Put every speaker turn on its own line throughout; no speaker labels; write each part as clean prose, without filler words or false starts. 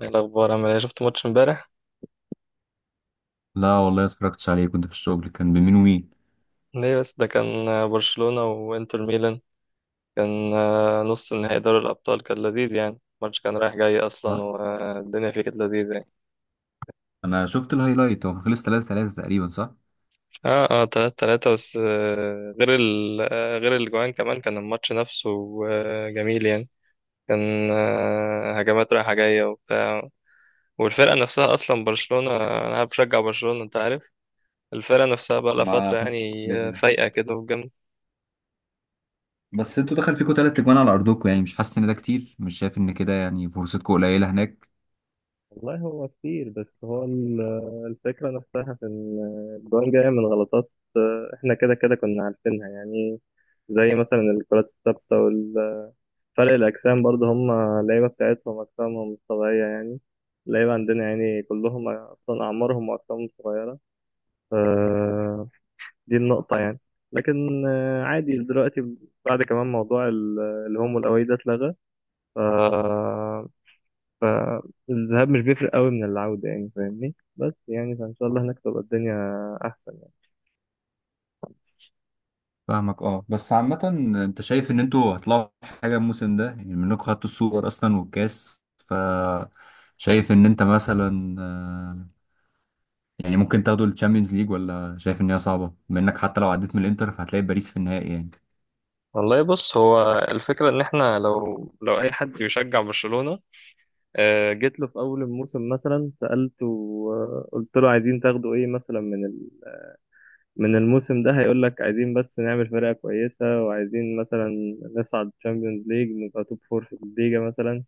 إيه الأخبار؟ عامل إيه؟ شفت ماتش امبارح؟
لا والله اتفرجتش عليه، كنت في الشغل. كان بمين ومين؟
ليه بس؟ ده كان برشلونة وإنتر ميلان. كان نص نهائي دوري الأبطال، كان لذيذ يعني. الماتش كان رايح جاي أصلا
آه.
والدنيا فيه كانت لذيذة يعني.
انا شفت الهايلايت، هو خلص 3-3 تقريبا، صح؟
اه اه، تلاتة تلاتة. بس غير ال آه، غير الجوان كمان، كان الماتش نفسه جميل يعني. كان هجمات رايحة جاية وبتاع. والفرقة نفسها أصلا برشلونة، أنا بشجع برشلونة أنت عارف. الفرقة نفسها بقى لها
ما
فترة
خدتش
يعني
بالي.
فايقة كده.
بس انتوا دخل فيكم تلات اجوان على ارضكم، يعني مش حاسس ان ده كتير؟ مش شايف ان كده يعني فرصتكم قليله هناك؟
والله هو كتير، بس هو الفكرة نفسها في إن الجوان جاية من غلطات. إحنا كده كده كنا عارفينها يعني. زي مثلا الكرات الثابتة وفرق الأجسام برضه، هم اللعيبة بتاعتهم أجسامهم مش طبيعية يعني. اللعيبة عندنا يعني كلهم أصلا أعمارهم وأجسامهم صغيرة. ف- دي النقطة يعني. لكن عادي دلوقتي بعد كمان موضوع الهوم والأوي ده اتلغى. ف فالذهاب مش بيفرق قوي من العودة يعني، فاهمني؟ بس يعني فإن شاء الله هناك تبقى الدنيا أحسن.
فاهمك اه، بس عامه انت شايف ان انتوا هتطلعوا حاجه الموسم ده؟ يعني منكم خدتوا السوبر اصلا والكاس، ف شايف ان انت مثلا يعني ممكن تاخدوا الشامبيونز ليج؟ ولا شايف ان هي صعبه، بما انك حتى لو عديت من الانتر فهتلاقي باريس في النهائي يعني؟
والله بص، هو الفكرة إن إحنا، لو أي حد يشجع برشلونة جيت له في أول الموسم مثلا سألته، قلت له عايزين تاخدوا إيه مثلا من من الموسم ده، هيقول لك عايزين بس نعمل فرقة كويسة، وعايزين مثلا نصعد تشامبيونز ليج، نبقى توب فور في الليجا مثلا.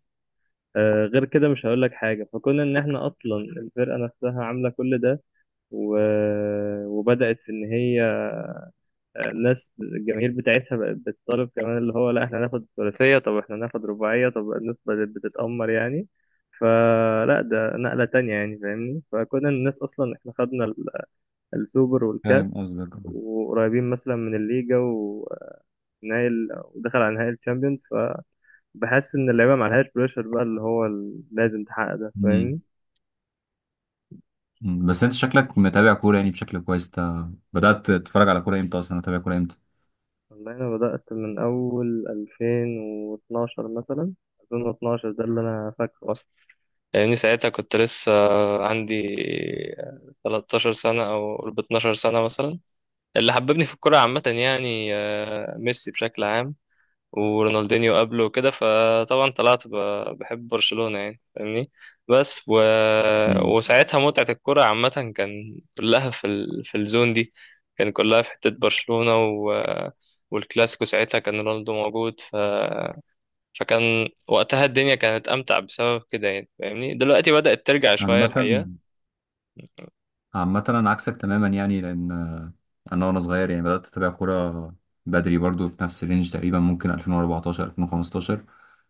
غير كده مش هقول لك حاجة. فكون إن إحنا أصلا الفرقة نفسها عاملة كل ده و... وبدأت إن هي الناس، الجماهير بتاعتها بقت بتطالب كمان، اللي هو لا احنا هناخد ثلاثية، طب احنا هناخد رباعية، طب الناس بدأت بتتأمر يعني. فلا ده نقلة تانية يعني، فاهمني؟ فكنا الناس أصلا، احنا خدنا السوبر
فاهم
والكاس،
قصدك
وقريبين مثلا من الليجا، ونهائي ودخل على نهائي الشامبيونز. فبحس إن اللعيبة ما عليهاش بريشر بقى، اللي هو لازم تحقق ده،
اه.
فاهمني؟
مم. بس انت شكلك متابع كورة يعني بشكل كويس، انت بدأت تتفرج على كورة امتى اصلا؟ تتابع كورة امتى؟
والله أنا بدأت من أول 2012 مثلا. 2012 ده اللي أنا فاكره أصلا، لأني ساعتها كنت لسه عندي 13 سنة أو قرب 12 سنة مثلا. اللي حببني في الكورة عامة يعني ميسي بشكل عام، ورونالدينيو قبله وكده. فطبعا طلعت بحب برشلونة يعني، فاهمني؟ بس و...
مم.
وساعتها متعة الكرة عامة كان كلها في الزون دي، كان كلها في حتة برشلونة والكلاسيكو ساعتها كان رونالدو موجود فكان وقتها الدنيا كانت أمتع بسبب كده يعني، فاهمني؟ دلوقتي بدأت ترجع شوية
عامة عامة انا عكسك تماما يعني، لان انا وانا صغير يعني بدأت اتابع كورة بدري برضو، في نفس الرينج تقريبا، ممكن 2014 2015.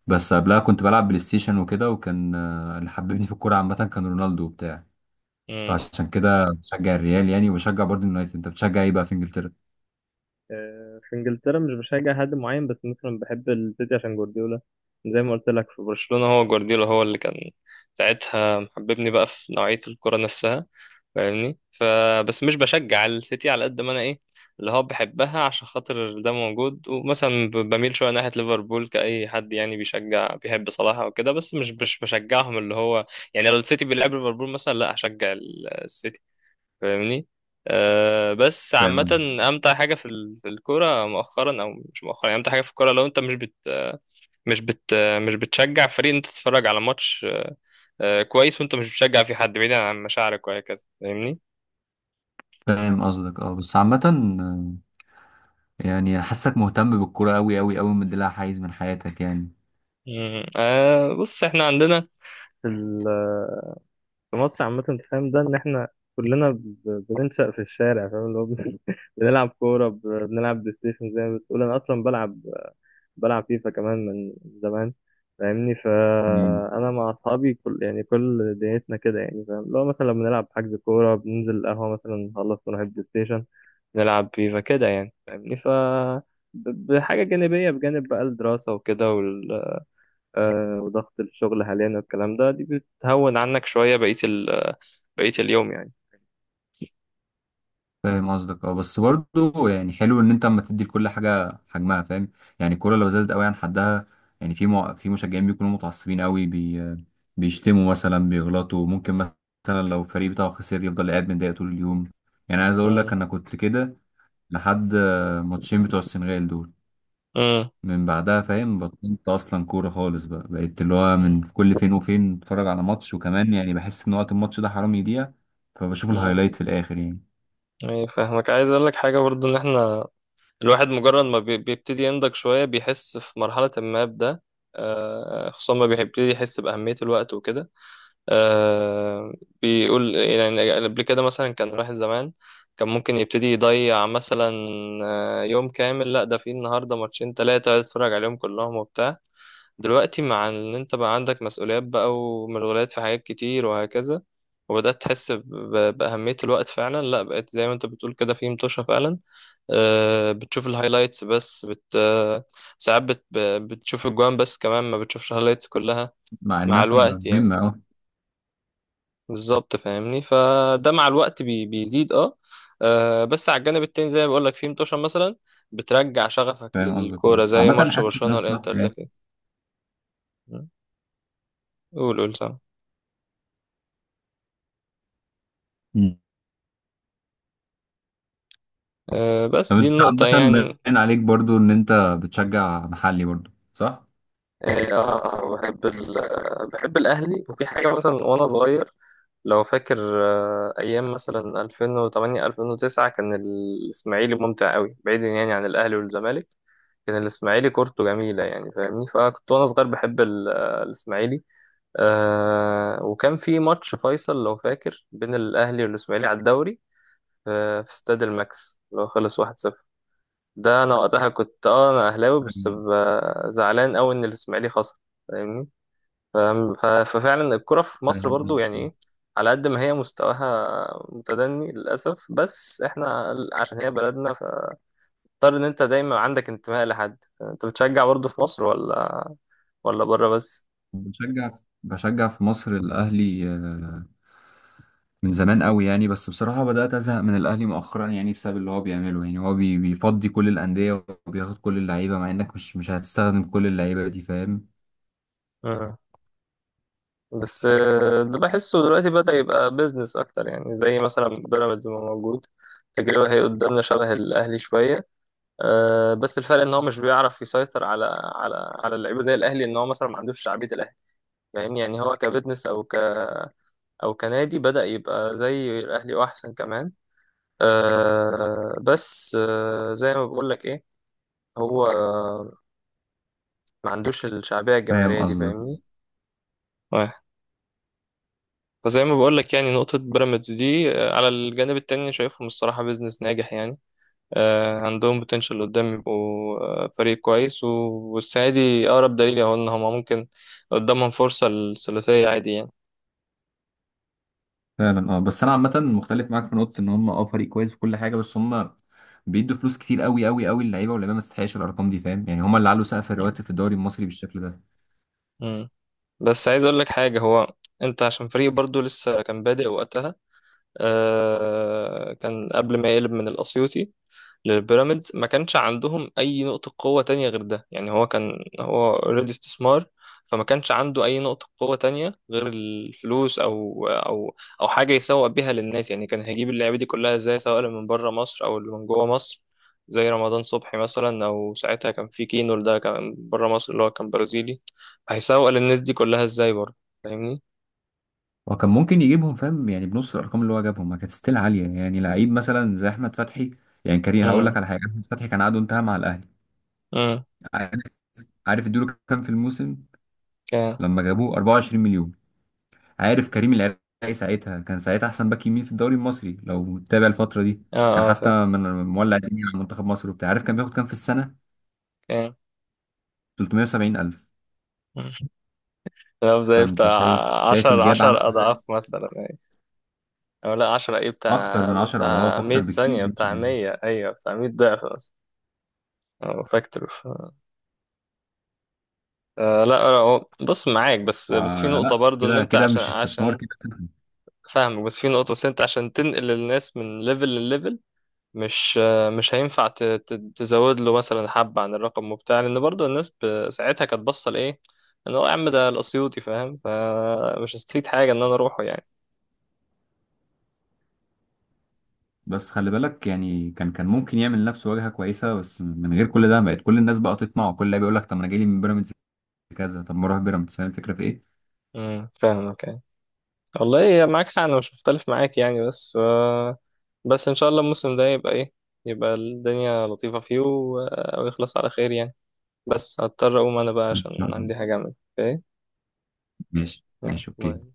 بس قبلها
الحقيقة.
كنت بلعب بلاي ستيشن وكده، وكان اللي حببني في الكورة عامة كان رونالدو وبتاع، فعشان كده بشجع الريال يعني، وبشجع برضو اليونايتد. انت بتشجع ايه بقى في انجلترا؟
في انجلترا مش بشجع حد معين، بس مثلا بحب السيتي عشان جوارديولا. زي ما قلت لك في برشلونة، هو جوارديولا هو اللي كان ساعتها محببني بقى في نوعية الكرة نفسها، فاهمني؟ فبس مش بشجع السيتي على قد ما انا ايه، اللي هو بحبها عشان خاطر ده موجود. ومثلا بميل شويه ناحيه ليفربول كأي حد يعني بيشجع، بيحب صلاح او كده. بس مش بشجعهم اللي هو، يعني لو السيتي بيلعب ليفربول مثلا، لا هشجع السيتي، فاهمني؟ أه بس عامة،
فاهم.
أمتع حاجة في في الكورة مؤخرا، أو مش مؤخرا يعني، أمتع حاجة في الكورة لو أنت مش بت مش بتشجع فريق، أنت تتفرج على ماتش أه كويس، وأنت مش بتشجع في حد، بعيدا عن مشاعرك وهكذا، فاهمني؟
فاهم قصدك اه، بس عامة يعني حاسك مهتم بالكورة أوي أوي أوي، مديلها حيز من حياتك يعني.
مم. أه بص، إحنا عندنا في في مصر عامة، أنت فاهم ده، إن إحنا كلنا بننشأ في الشارع، فاهم؟ اللي هو بن- بنلعب كورة، بنلعب بلاي ستيشن. زي ما بتقول أنا أصلا بلعب، بلعب فيفا كمان من زمان، فاهمني؟
مم.
فأنا مع أصحابي كل يعني كل دنيتنا كده يعني، فاهم؟ لو مثلا لما نلعب حجز كورة، بننزل القهوة مثلا، نخلص نروح البلاي ستيشن، نلعب فيفا كده يعني، فاهمني؟ بحاجة جانبية بجانب بقى الدراسة وكده وضغط الشغل حاليا والكلام ده، دي بتهون عنك شوية بقية بقية اليوم يعني.
فاهم قصدك اه، بس برضو يعني حلو ان انت اما تدي لكل حاجه حجمها، فاهم؟ يعني الكوره لو زادت قوي عن حدها، يعني في مشجعين بيكونوا متعصبين قوي، بيشتموا مثلا، بيغلطوا، ممكن مثلا لو الفريق بتاعه خسر يفضل قاعد متضايق طول اليوم. يعني عايز اقول لك
امم.
انا كنت كده لحد ماتشين بتوع السنغال دول.
امم.
من بعدها فاهم بطلت اصلا كوره خالص، بقى بقيت اللي هو من كل فين وفين اتفرج على ماتش. وكمان يعني بحس ان وقت الماتش ده حرام يضيع، فبشوف الهايلايت
امم.
في الاخر يعني،
ايه، فاهمك، عايز اقول لك حاجة برضو، ان احنا الواحد مجرد ما بيبتدي ينضج شوية، بيحس في مرحلة ما بده خصوصا ما بيبتدي يحس بأهمية الوقت وكده. آه، بيقول يعني قبل كده مثلا، كان الواحد زمان كان ممكن يبتدي يضيع مثلا يوم كامل، لا ده في النهاردة ماتشين تلاتة عايز اتفرج عليهم كلهم وبتاع. دلوقتي مع ان انت بقى عندك مسؤوليات بقى، ومشغولات في حاجات كتير وهكذا، وبدأت تحس بأهمية الوقت فعلا. لا بقيت زي ما انت بتقول كده في متوشة فعلا، بتشوف الهايلايتس، بس بت آه، ساعات بتشوف الجوان بس كمان، ما بتشوفش الهايلايتس كلها
مع
مع
انها
الوقت يعني.
مهمه اه.
بالظبط فاهمني، فده مع الوقت بيزيد اه. بس على الجانب التاني زي ما بقول لك، في متوشة مثلا بترجع شغفك
فاهم قصدك اه.
للكورة، زي
عامه
ماتش
حاسس ان ده
برشلونة
الصح
والانتر ده
يعني.
كده. قول قول سام.
مم. طب
بس دي
انت
النقطة
عامه
يعني.
باين عليك برضو ان انت بتشجع محلي برضو، صح؟
يعني اه، بحب الاهلي. وفي حاجه مثلا وانا صغير لو فاكر، ايام مثلا 2008 2009 كان الاسماعيلي ممتع قوي، بعيدا يعني عن الاهلي والزمالك. كان الاسماعيلي كورته جميله يعني، فاهمني؟ فكنت وانا صغير بحب الاسماعيلي. آه، وكان في ماتش فيصل لو فاكر بين الاهلي والاسماعيلي على الدوري، في استاد الماكس لو، خلص 1-0. ده انا وقتها كنت اه، انا اهلاوي، بس
فاهم.
زعلان قوي ان الاسماعيلي خسر، فاهمني؟ فاهم؟ ففعلا الكرة في مصر
فاهم
برضو يعني
قصدك.
ايه، على قد ما هي مستواها متدني للأسف، بس احنا عشان هي بلدنا فاضطر. ان انت دايما عندك انتماء لحد، انت بتشجع برضو في مصر، ولا ولا بره بس؟
بشجع بشجع في مصر الاهلي من زمان قوي يعني، بس بصراحة بدأت أزهق من الأهلي مؤخرا يعني، بسبب اللي هو بيعمله. يعني هو بيفضي كل الأندية وبياخد كل اللعيبة، مع إنك مش هتستخدم كل اللعيبة دي، فاهم؟
مم. بس ده بحسه دلوقتي بدأ يبقى بيزنس اكتر يعني، زي مثلا بيراميدز ما موجود. تجربة هي قدامنا شبه الأهلي شوية. أه بس الفرق إن هو مش بيعرف يسيطر على، على على اللعيبة زي الأهلي، إن هو مثلا ما عندوش شعبية الأهلي، فاهمني؟ يعني هو كبزنس، أو ك او كنادي، بدأ يبقى زي الاهلي واحسن كمان. آه بس آه زي ما بقول لك ايه، هو آه ما عندوش الشعبية
فاهم
الجماهيرية دي،
قصدك.
فاهمني؟ آه. فزي ما بقول لك يعني، نقطة بيراميدز دي على الجانب التاني، أنا شايفهم الصراحة بيزنس ناجح يعني. عندهم بوتنشال قدام يبقوا فريق كويس والسنة دي أقرب دليل أهو، إن هما ممكن قدامهم فرصة الثلاثية عادي يعني.
فعلا اه، بس أنا عامة مختلف معاك في نقطة، إن هم اه فريق كويس وكل حاجة، بس هم بيدوا فلوس كتير قوي قوي قوي للعيبة، واللعيبة ما تستحقش الأرقام دي، فاهم؟ يعني هم اللي علوا سقف الرواتب في الدوري المصري بالشكل ده.
مم. بس عايز أقول لك حاجة، هو أنت عشان فريق برضو لسه كان بادئ وقتها، كان قبل ما يقلب من الأسيوطي للبيراميدز، ما كانش عندهم أي نقطة قوة تانية غير ده يعني. هو كان هو اوريدي استثمار، فما كانش عنده أي نقطة قوة تانية غير الفلوس أو حاجة يسوق بيها للناس يعني. كان هيجيب اللعيبة دي كلها إزاي، سواء اللي من بره مصر أو اللي من جوه مصر، زي رمضان صبحي مثلا، أو ساعتها كان في كينور ده كان بره مصر اللي هو كان برازيلي، هيسوق للناس دي كلها إزاي برضه، فاهمني؟
وكان ممكن يجيبهم فاهم، يعني بنص الأرقام اللي هو جابهم ما كانت ستيل عالية، يعني لعيب مثلا زي أحمد فتحي. يعني كريم، هقول لك
امم.
على حاجة، أحمد فتحي كان عقده انتهى مع الأهلي.
امم.
عارف. عارف ادوله كام في الموسم
كان
لما جابوه؟ 24 مليون. عارف كريم العراقي ساعتها كان ساعتها احسن باك يمين في الدوري المصري، لو متابع الفتره دي،
اه.
كان
اه فاكر.
حتى من مولع الدنيا على منتخب مصر وبتاع. عارف كان بياخد كام في السنه؟
كام؟
370 الف.
كلام زي
فانت
بتاع
شايف
عشر،
الجاب عامله
عشر
ازاي.
أضعاف مثلا يعني. أو لا، عشرة إيه،
اكتر
بتاع
من 10 اضعاف،
بتاع مية،
اكتر بكتير.
ثانية، بتاع مية، أيوة بتاع مية ضعف مثلا. أو فاكتور لا لا، بص معاك، بس في نقطة
فلا
برضو، إن
كده
أنت
كده
عشان
مش استثمار
عشان
كده.
فاهمك، بس في نقطة، بس أنت عشان تنقل الناس من ليفل لليفل، مش مش هينفع تزود له مثلا حبة عن الرقم وبتاع. لأن برضو الناس ساعتها كانت باصة لإيه؟ إن هو يا عم ده الأسيوطي، فاهم؟ فمش هستفيد حاجة إن أنا أروحه يعني.
بس خلي بالك يعني، كان ممكن يعمل لنفسه واجهه كويسه بس من غير كل ده. بقت كل الناس بقى تطمع، وكل اللي بيقول لك طب ما انا جاي لي من بيراميدز كذا، طب ما اروح بيراميدز. فاهم الفكره في ايه؟
امم، فاهمك يعني. والله إيه، معاك حق، انا مش مختلف معاك يعني. بس ان شاء الله الموسم ده يبقى ايه، يبقى الدنيا لطيفة فيه ويخلص على خير يعني. بس هضطر اقوم انا بقى
إن
عشان
شاء
عندي
الله.
حاجة اعمل. اوكي.
ماشي
يلا،
ماشي اوكي
باي.